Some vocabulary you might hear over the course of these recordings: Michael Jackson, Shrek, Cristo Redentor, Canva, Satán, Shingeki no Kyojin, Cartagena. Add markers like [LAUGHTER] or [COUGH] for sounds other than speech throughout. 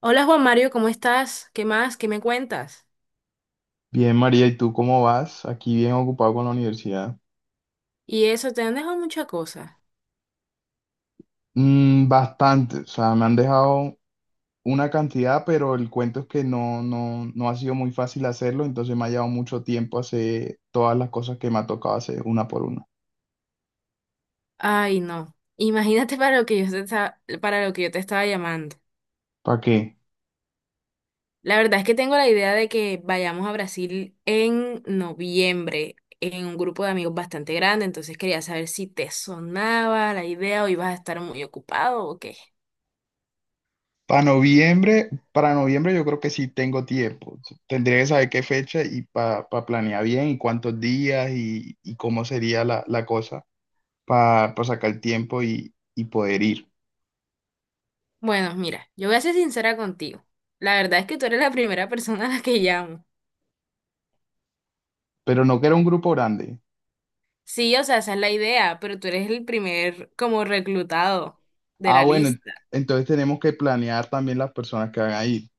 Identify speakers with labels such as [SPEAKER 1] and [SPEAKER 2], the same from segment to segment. [SPEAKER 1] Hola Juan Mario, ¿cómo estás? ¿Qué más? ¿Qué me cuentas?
[SPEAKER 2] Bien, María, ¿y tú cómo vas? Aquí bien ocupado con la universidad.
[SPEAKER 1] Y eso, te han dejado muchas cosas.
[SPEAKER 2] Bastante, o sea, me han dejado una cantidad, pero el cuento es que no ha sido muy fácil hacerlo, entonces me ha llevado mucho tiempo hacer todas las cosas que me ha tocado hacer una por una.
[SPEAKER 1] Ay, no. Imagínate [LAUGHS] para lo que yo te estaba llamando.
[SPEAKER 2] ¿Para qué?
[SPEAKER 1] La verdad es que tengo la idea de que vayamos a Brasil en noviembre en un grupo de amigos bastante grande, entonces quería saber si te sonaba la idea o ibas a estar muy ocupado o qué.
[SPEAKER 2] Para noviembre yo creo que sí tengo tiempo. Tendría que saber qué fecha y para planear bien y cuántos días y cómo sería la cosa para sacar tiempo y poder ir.
[SPEAKER 1] Bueno, mira, yo voy a ser sincera contigo. La verdad es que tú eres la primera persona a la que llamo.
[SPEAKER 2] Pero no que era un grupo grande.
[SPEAKER 1] Sí, o sea, esa es la idea, pero tú eres el primer como reclutado de
[SPEAKER 2] Ah,
[SPEAKER 1] la
[SPEAKER 2] bueno,
[SPEAKER 1] lista.
[SPEAKER 2] entonces tenemos que planear también las personas que van a ir.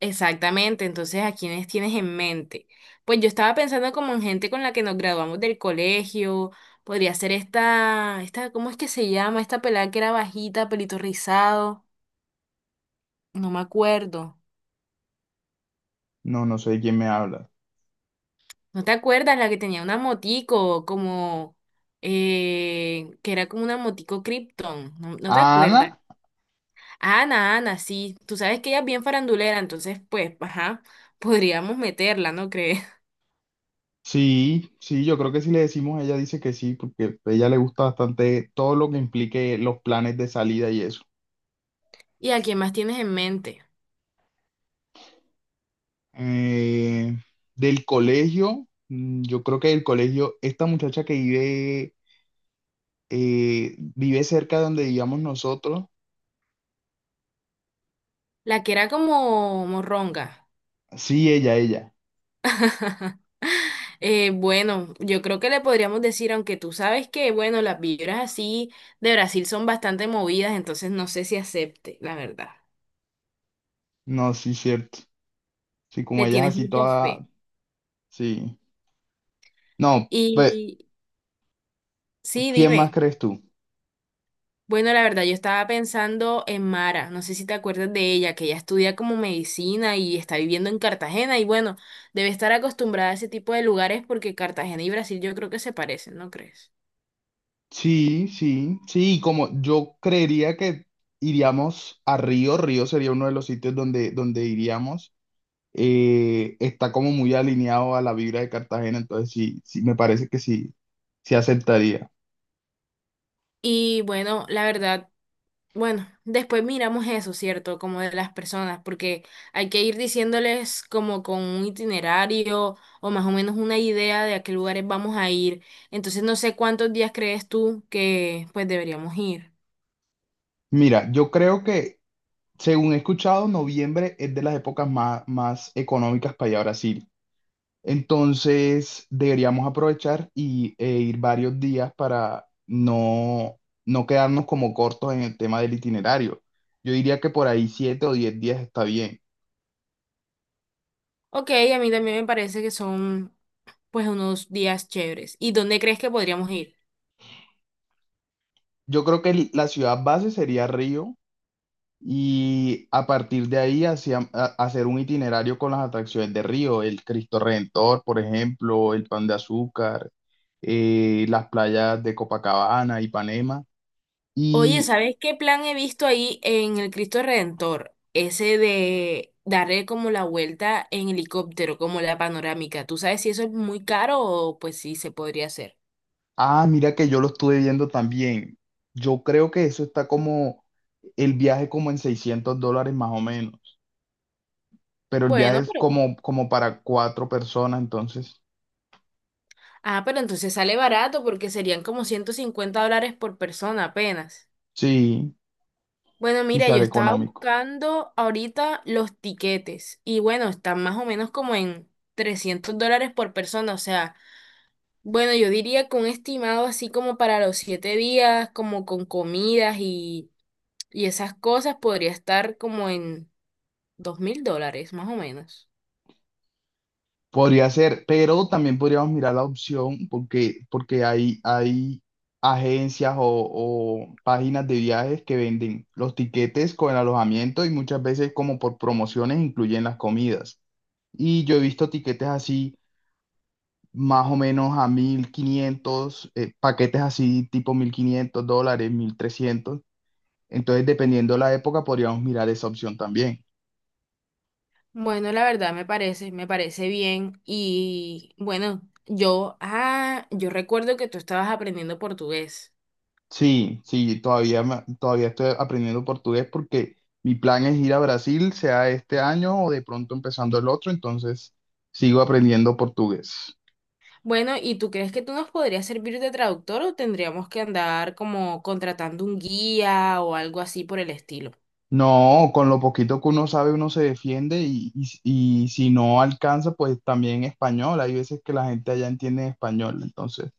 [SPEAKER 1] Exactamente, entonces ¿a quiénes tienes en mente? Pues yo estaba pensando como en gente con la que nos graduamos del colegio, podría ser esta, esta, ¿cómo es que se llama? Esta pelada que era bajita, pelito rizado, no me acuerdo.
[SPEAKER 2] No sé de quién me habla.
[SPEAKER 1] ¿No te acuerdas? La que tenía una motico, como, que era como una motico Krypton, ¿no, no te
[SPEAKER 2] ¿A Ana?
[SPEAKER 1] acuerdas? Ana, Ana, sí, tú sabes que ella es bien farandulera, entonces pues, ajá, podríamos meterla, ¿no crees? [LAUGHS]
[SPEAKER 2] Sí, sí, yo creo que si le decimos, ella dice que sí, porque a ella le gusta bastante todo lo que implique los planes de salida y eso.
[SPEAKER 1] ¿Y a quién más tienes en mente?
[SPEAKER 2] Eh, Del colegio, yo creo que del colegio, esta muchacha que vive, vive cerca de donde vivíamos nosotros.
[SPEAKER 1] La que era como morronga.
[SPEAKER 2] Sí, ella.
[SPEAKER 1] Bueno, yo creo que le podríamos decir, aunque tú sabes que, bueno, las vibras así de Brasil son bastante movidas, entonces no sé si acepte, la verdad.
[SPEAKER 2] No, sí, cierto. Sí, como
[SPEAKER 1] Le
[SPEAKER 2] ella es
[SPEAKER 1] tienes
[SPEAKER 2] así
[SPEAKER 1] mucha fe.
[SPEAKER 2] toda, sí. No, pues,
[SPEAKER 1] Y sí,
[SPEAKER 2] ¿quién más
[SPEAKER 1] dime.
[SPEAKER 2] crees tú?
[SPEAKER 1] Bueno, la verdad, yo estaba pensando en Mara, no sé si te acuerdas de ella, que ella estudia como medicina y está viviendo en Cartagena y bueno, debe estar acostumbrada a ese tipo de lugares porque Cartagena y Brasil yo creo que se parecen, ¿no crees?
[SPEAKER 2] Sí, sí, sí, y como yo creería que iríamos a Río, Río sería uno de los sitios donde, donde iríamos, está como muy alineado a la vibra de Cartagena, entonces sí, sí, me parece que sí, sí aceptaría.
[SPEAKER 1] Y bueno, la verdad, bueno, después miramos eso, ¿cierto? Como de las personas, porque hay que ir diciéndoles como con un itinerario o más o menos una idea de a qué lugares vamos a ir. Entonces no sé cuántos días crees tú que pues deberíamos ir.
[SPEAKER 2] Mira, según he escuchado, noviembre es de las épocas más económicas para ir a Brasil. Entonces, deberíamos aprovechar e ir varios días para no quedarnos como cortos en el tema del itinerario. Yo diría que por ahí 7 o 10 días está bien.
[SPEAKER 1] Ok, a mí también me parece que son pues unos días chéveres. ¿Y dónde crees que podríamos ir?
[SPEAKER 2] Yo creo que la ciudad base sería Río y a partir de ahí hacer un itinerario con las atracciones de Río, el Cristo Redentor, por ejemplo, el Pan de Azúcar, las playas de Copacabana, Ipanema.
[SPEAKER 1] Oye,
[SPEAKER 2] Y
[SPEAKER 1] ¿sabes qué plan he visto ahí en el Cristo Redentor? Ese de darle como la vuelta en helicóptero, como la panorámica. ¿Tú sabes si eso es muy caro o pues sí se podría hacer?
[SPEAKER 2] ah, mira que yo lo estuve viendo también. Yo creo que eso está como el viaje como en $600 más o menos, pero el viaje
[SPEAKER 1] Bueno,
[SPEAKER 2] es
[SPEAKER 1] pero...
[SPEAKER 2] como para 4 personas, entonces
[SPEAKER 1] Ah, pero entonces sale barato porque serían como $150 por persona apenas.
[SPEAKER 2] sí,
[SPEAKER 1] Bueno,
[SPEAKER 2] sí
[SPEAKER 1] mira, yo
[SPEAKER 2] sale
[SPEAKER 1] estaba
[SPEAKER 2] económico.
[SPEAKER 1] buscando ahorita los tiquetes y bueno, están más o menos como en $300 por persona, o sea, bueno, yo diría que un estimado así como para los 7 días, como con comidas y esas cosas, podría estar como en $2.000, más o menos.
[SPEAKER 2] Podría ser, pero también podríamos mirar la opción porque hay agencias o páginas de viajes que venden los tiquetes con el alojamiento y muchas veces como por promociones incluyen las comidas. Y yo he visto tiquetes así más o menos a 1.500, paquetes así tipo $1.500, 1.300. Entonces, dependiendo de la época, podríamos mirar esa opción también.
[SPEAKER 1] Bueno, la verdad me parece bien y bueno, yo recuerdo que tú estabas aprendiendo portugués.
[SPEAKER 2] Sí, sí, todavía estoy aprendiendo portugués porque mi plan es ir a Brasil, sea este año o de pronto empezando el otro, entonces sigo aprendiendo portugués.
[SPEAKER 1] Bueno, ¿y tú crees que tú nos podrías servir de traductor o tendríamos que andar como contratando un guía o algo así por el estilo?
[SPEAKER 2] No, con lo poquito que uno sabe, uno se defiende y si no alcanza, pues también español. Hay veces que la gente allá entiende español, entonces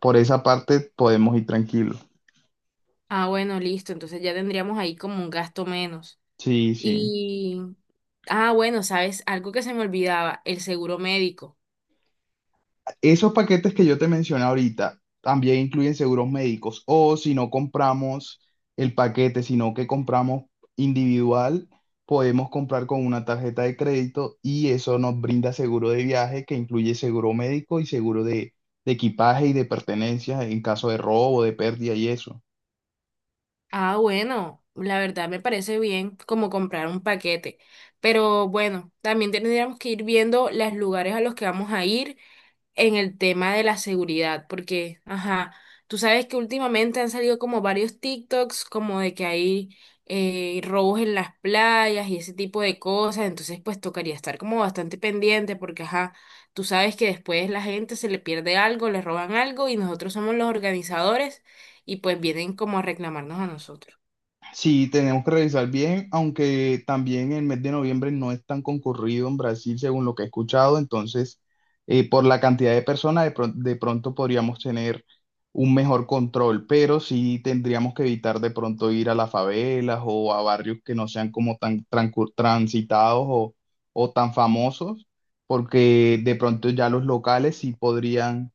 [SPEAKER 2] por esa parte podemos ir tranquilos.
[SPEAKER 1] Ah, bueno, listo, entonces ya tendríamos ahí como un gasto menos.
[SPEAKER 2] Sí, sí.
[SPEAKER 1] Y, bueno, ¿sabes? Algo que se me olvidaba, el seguro médico.
[SPEAKER 2] Esos paquetes que yo te mencioné ahorita también incluyen seguros médicos. O si no compramos el paquete, sino que compramos individual, podemos comprar con una tarjeta de crédito y eso nos brinda seguro de viaje que incluye seguro médico y seguro de equipaje y de pertenencias en caso de robo, de pérdida y eso.
[SPEAKER 1] Ah, bueno, la verdad me parece bien como comprar un paquete, pero bueno, también tendríamos que ir viendo los lugares a los que vamos a ir en el tema de la seguridad, porque, ajá, tú sabes que últimamente han salido como varios TikToks, como de que hay robos en las playas y ese tipo de cosas, entonces pues tocaría estar como bastante pendiente, porque, ajá, tú sabes que después la gente se le pierde algo, le roban algo y nosotros somos los organizadores y pues vienen como a reclamarnos a nosotros.
[SPEAKER 2] Sí, tenemos que revisar bien, aunque también el mes de noviembre no es tan concurrido en Brasil, según lo que he escuchado. Entonces, por la cantidad de personas, de pronto podríamos tener un mejor control, pero sí tendríamos que evitar de pronto ir a las favelas o a barrios que no sean como transitados o tan famosos, porque de pronto ya los locales sí podrían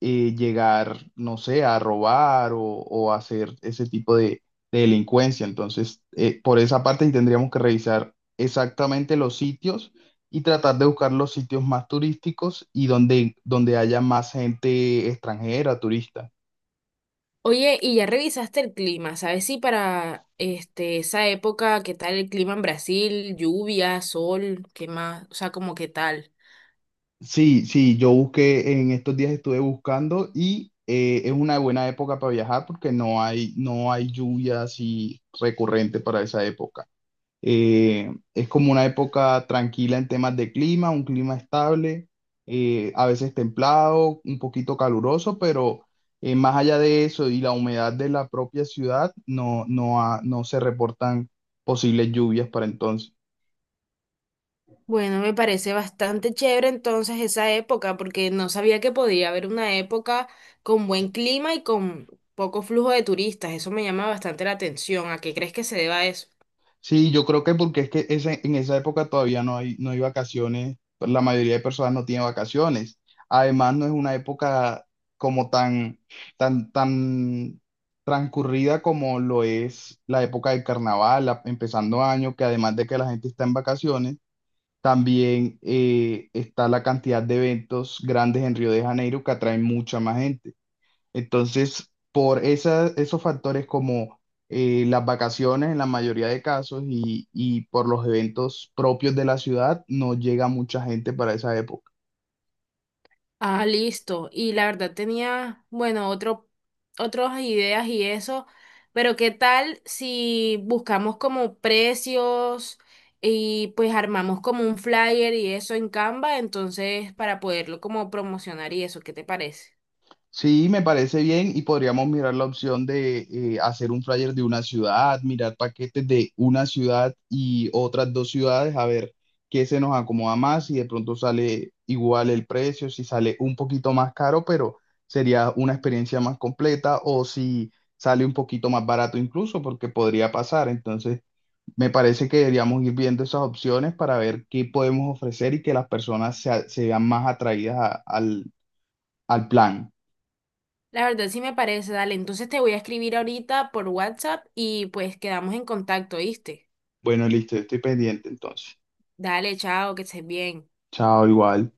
[SPEAKER 2] llegar, no sé, a robar o hacer ese tipo de delincuencia. Entonces, por esa parte sí tendríamos que revisar exactamente los sitios y tratar de buscar los sitios más turísticos y donde, donde haya más gente extranjera, turista.
[SPEAKER 1] Oye, y ya revisaste el clima, ¿sabes si para este esa época qué tal el clima en Brasil, lluvia, sol, qué más, o sea, como qué tal?
[SPEAKER 2] Sí, sí, yo busqué, en estos días estuve buscando y es una buena época para viajar porque no hay lluvia así recurrente para esa época. Es como una época tranquila en temas de clima, un clima estable, a veces templado, un poquito caluroso, pero más allá de eso y la humedad de la propia ciudad, no se reportan posibles lluvias para entonces.
[SPEAKER 1] Bueno, me parece bastante chévere entonces esa época, porque no sabía que podía haber una época con buen clima y con poco flujo de turistas. Eso me llama bastante la atención. ¿A qué crees que se deba eso?
[SPEAKER 2] Sí, yo creo que porque es que en esa época todavía no hay vacaciones, pues, la mayoría de personas no tiene vacaciones. Además, no es una época como tan, tan transcurrida como lo es la época del carnaval, empezando año, que además de que la gente está en vacaciones, también está la cantidad de eventos grandes en Río de Janeiro que atraen mucha más gente. Entonces, esos factores como las vacaciones en la mayoría de casos y por los eventos propios de la ciudad, no llega mucha gente para esa época.
[SPEAKER 1] Ah, listo. Y la verdad tenía, bueno, otro, otras ideas y eso, pero ¿qué tal si buscamos como precios y pues armamos como un flyer y eso en Canva, entonces para poderlo como promocionar y eso, ¿qué te parece?
[SPEAKER 2] Sí, me parece bien y podríamos mirar la opción de hacer un flyer de una ciudad, mirar paquetes de una ciudad y otras 2 ciudades, a ver qué se nos acomoda más, si de pronto sale igual el precio, si sale un poquito más caro, pero sería una experiencia más completa o si sale un poquito más barato incluso, porque podría pasar. Entonces, me parece que deberíamos ir viendo esas opciones para ver qué podemos ofrecer y que las personas se vean más atraídas al al plan.
[SPEAKER 1] La verdad sí me parece, dale. Entonces te voy a escribir ahorita por WhatsApp y pues quedamos en contacto, ¿viste?
[SPEAKER 2] Bueno, listo, estoy pendiente entonces.
[SPEAKER 1] Dale, chao, que estés bien.
[SPEAKER 2] Chao, igual.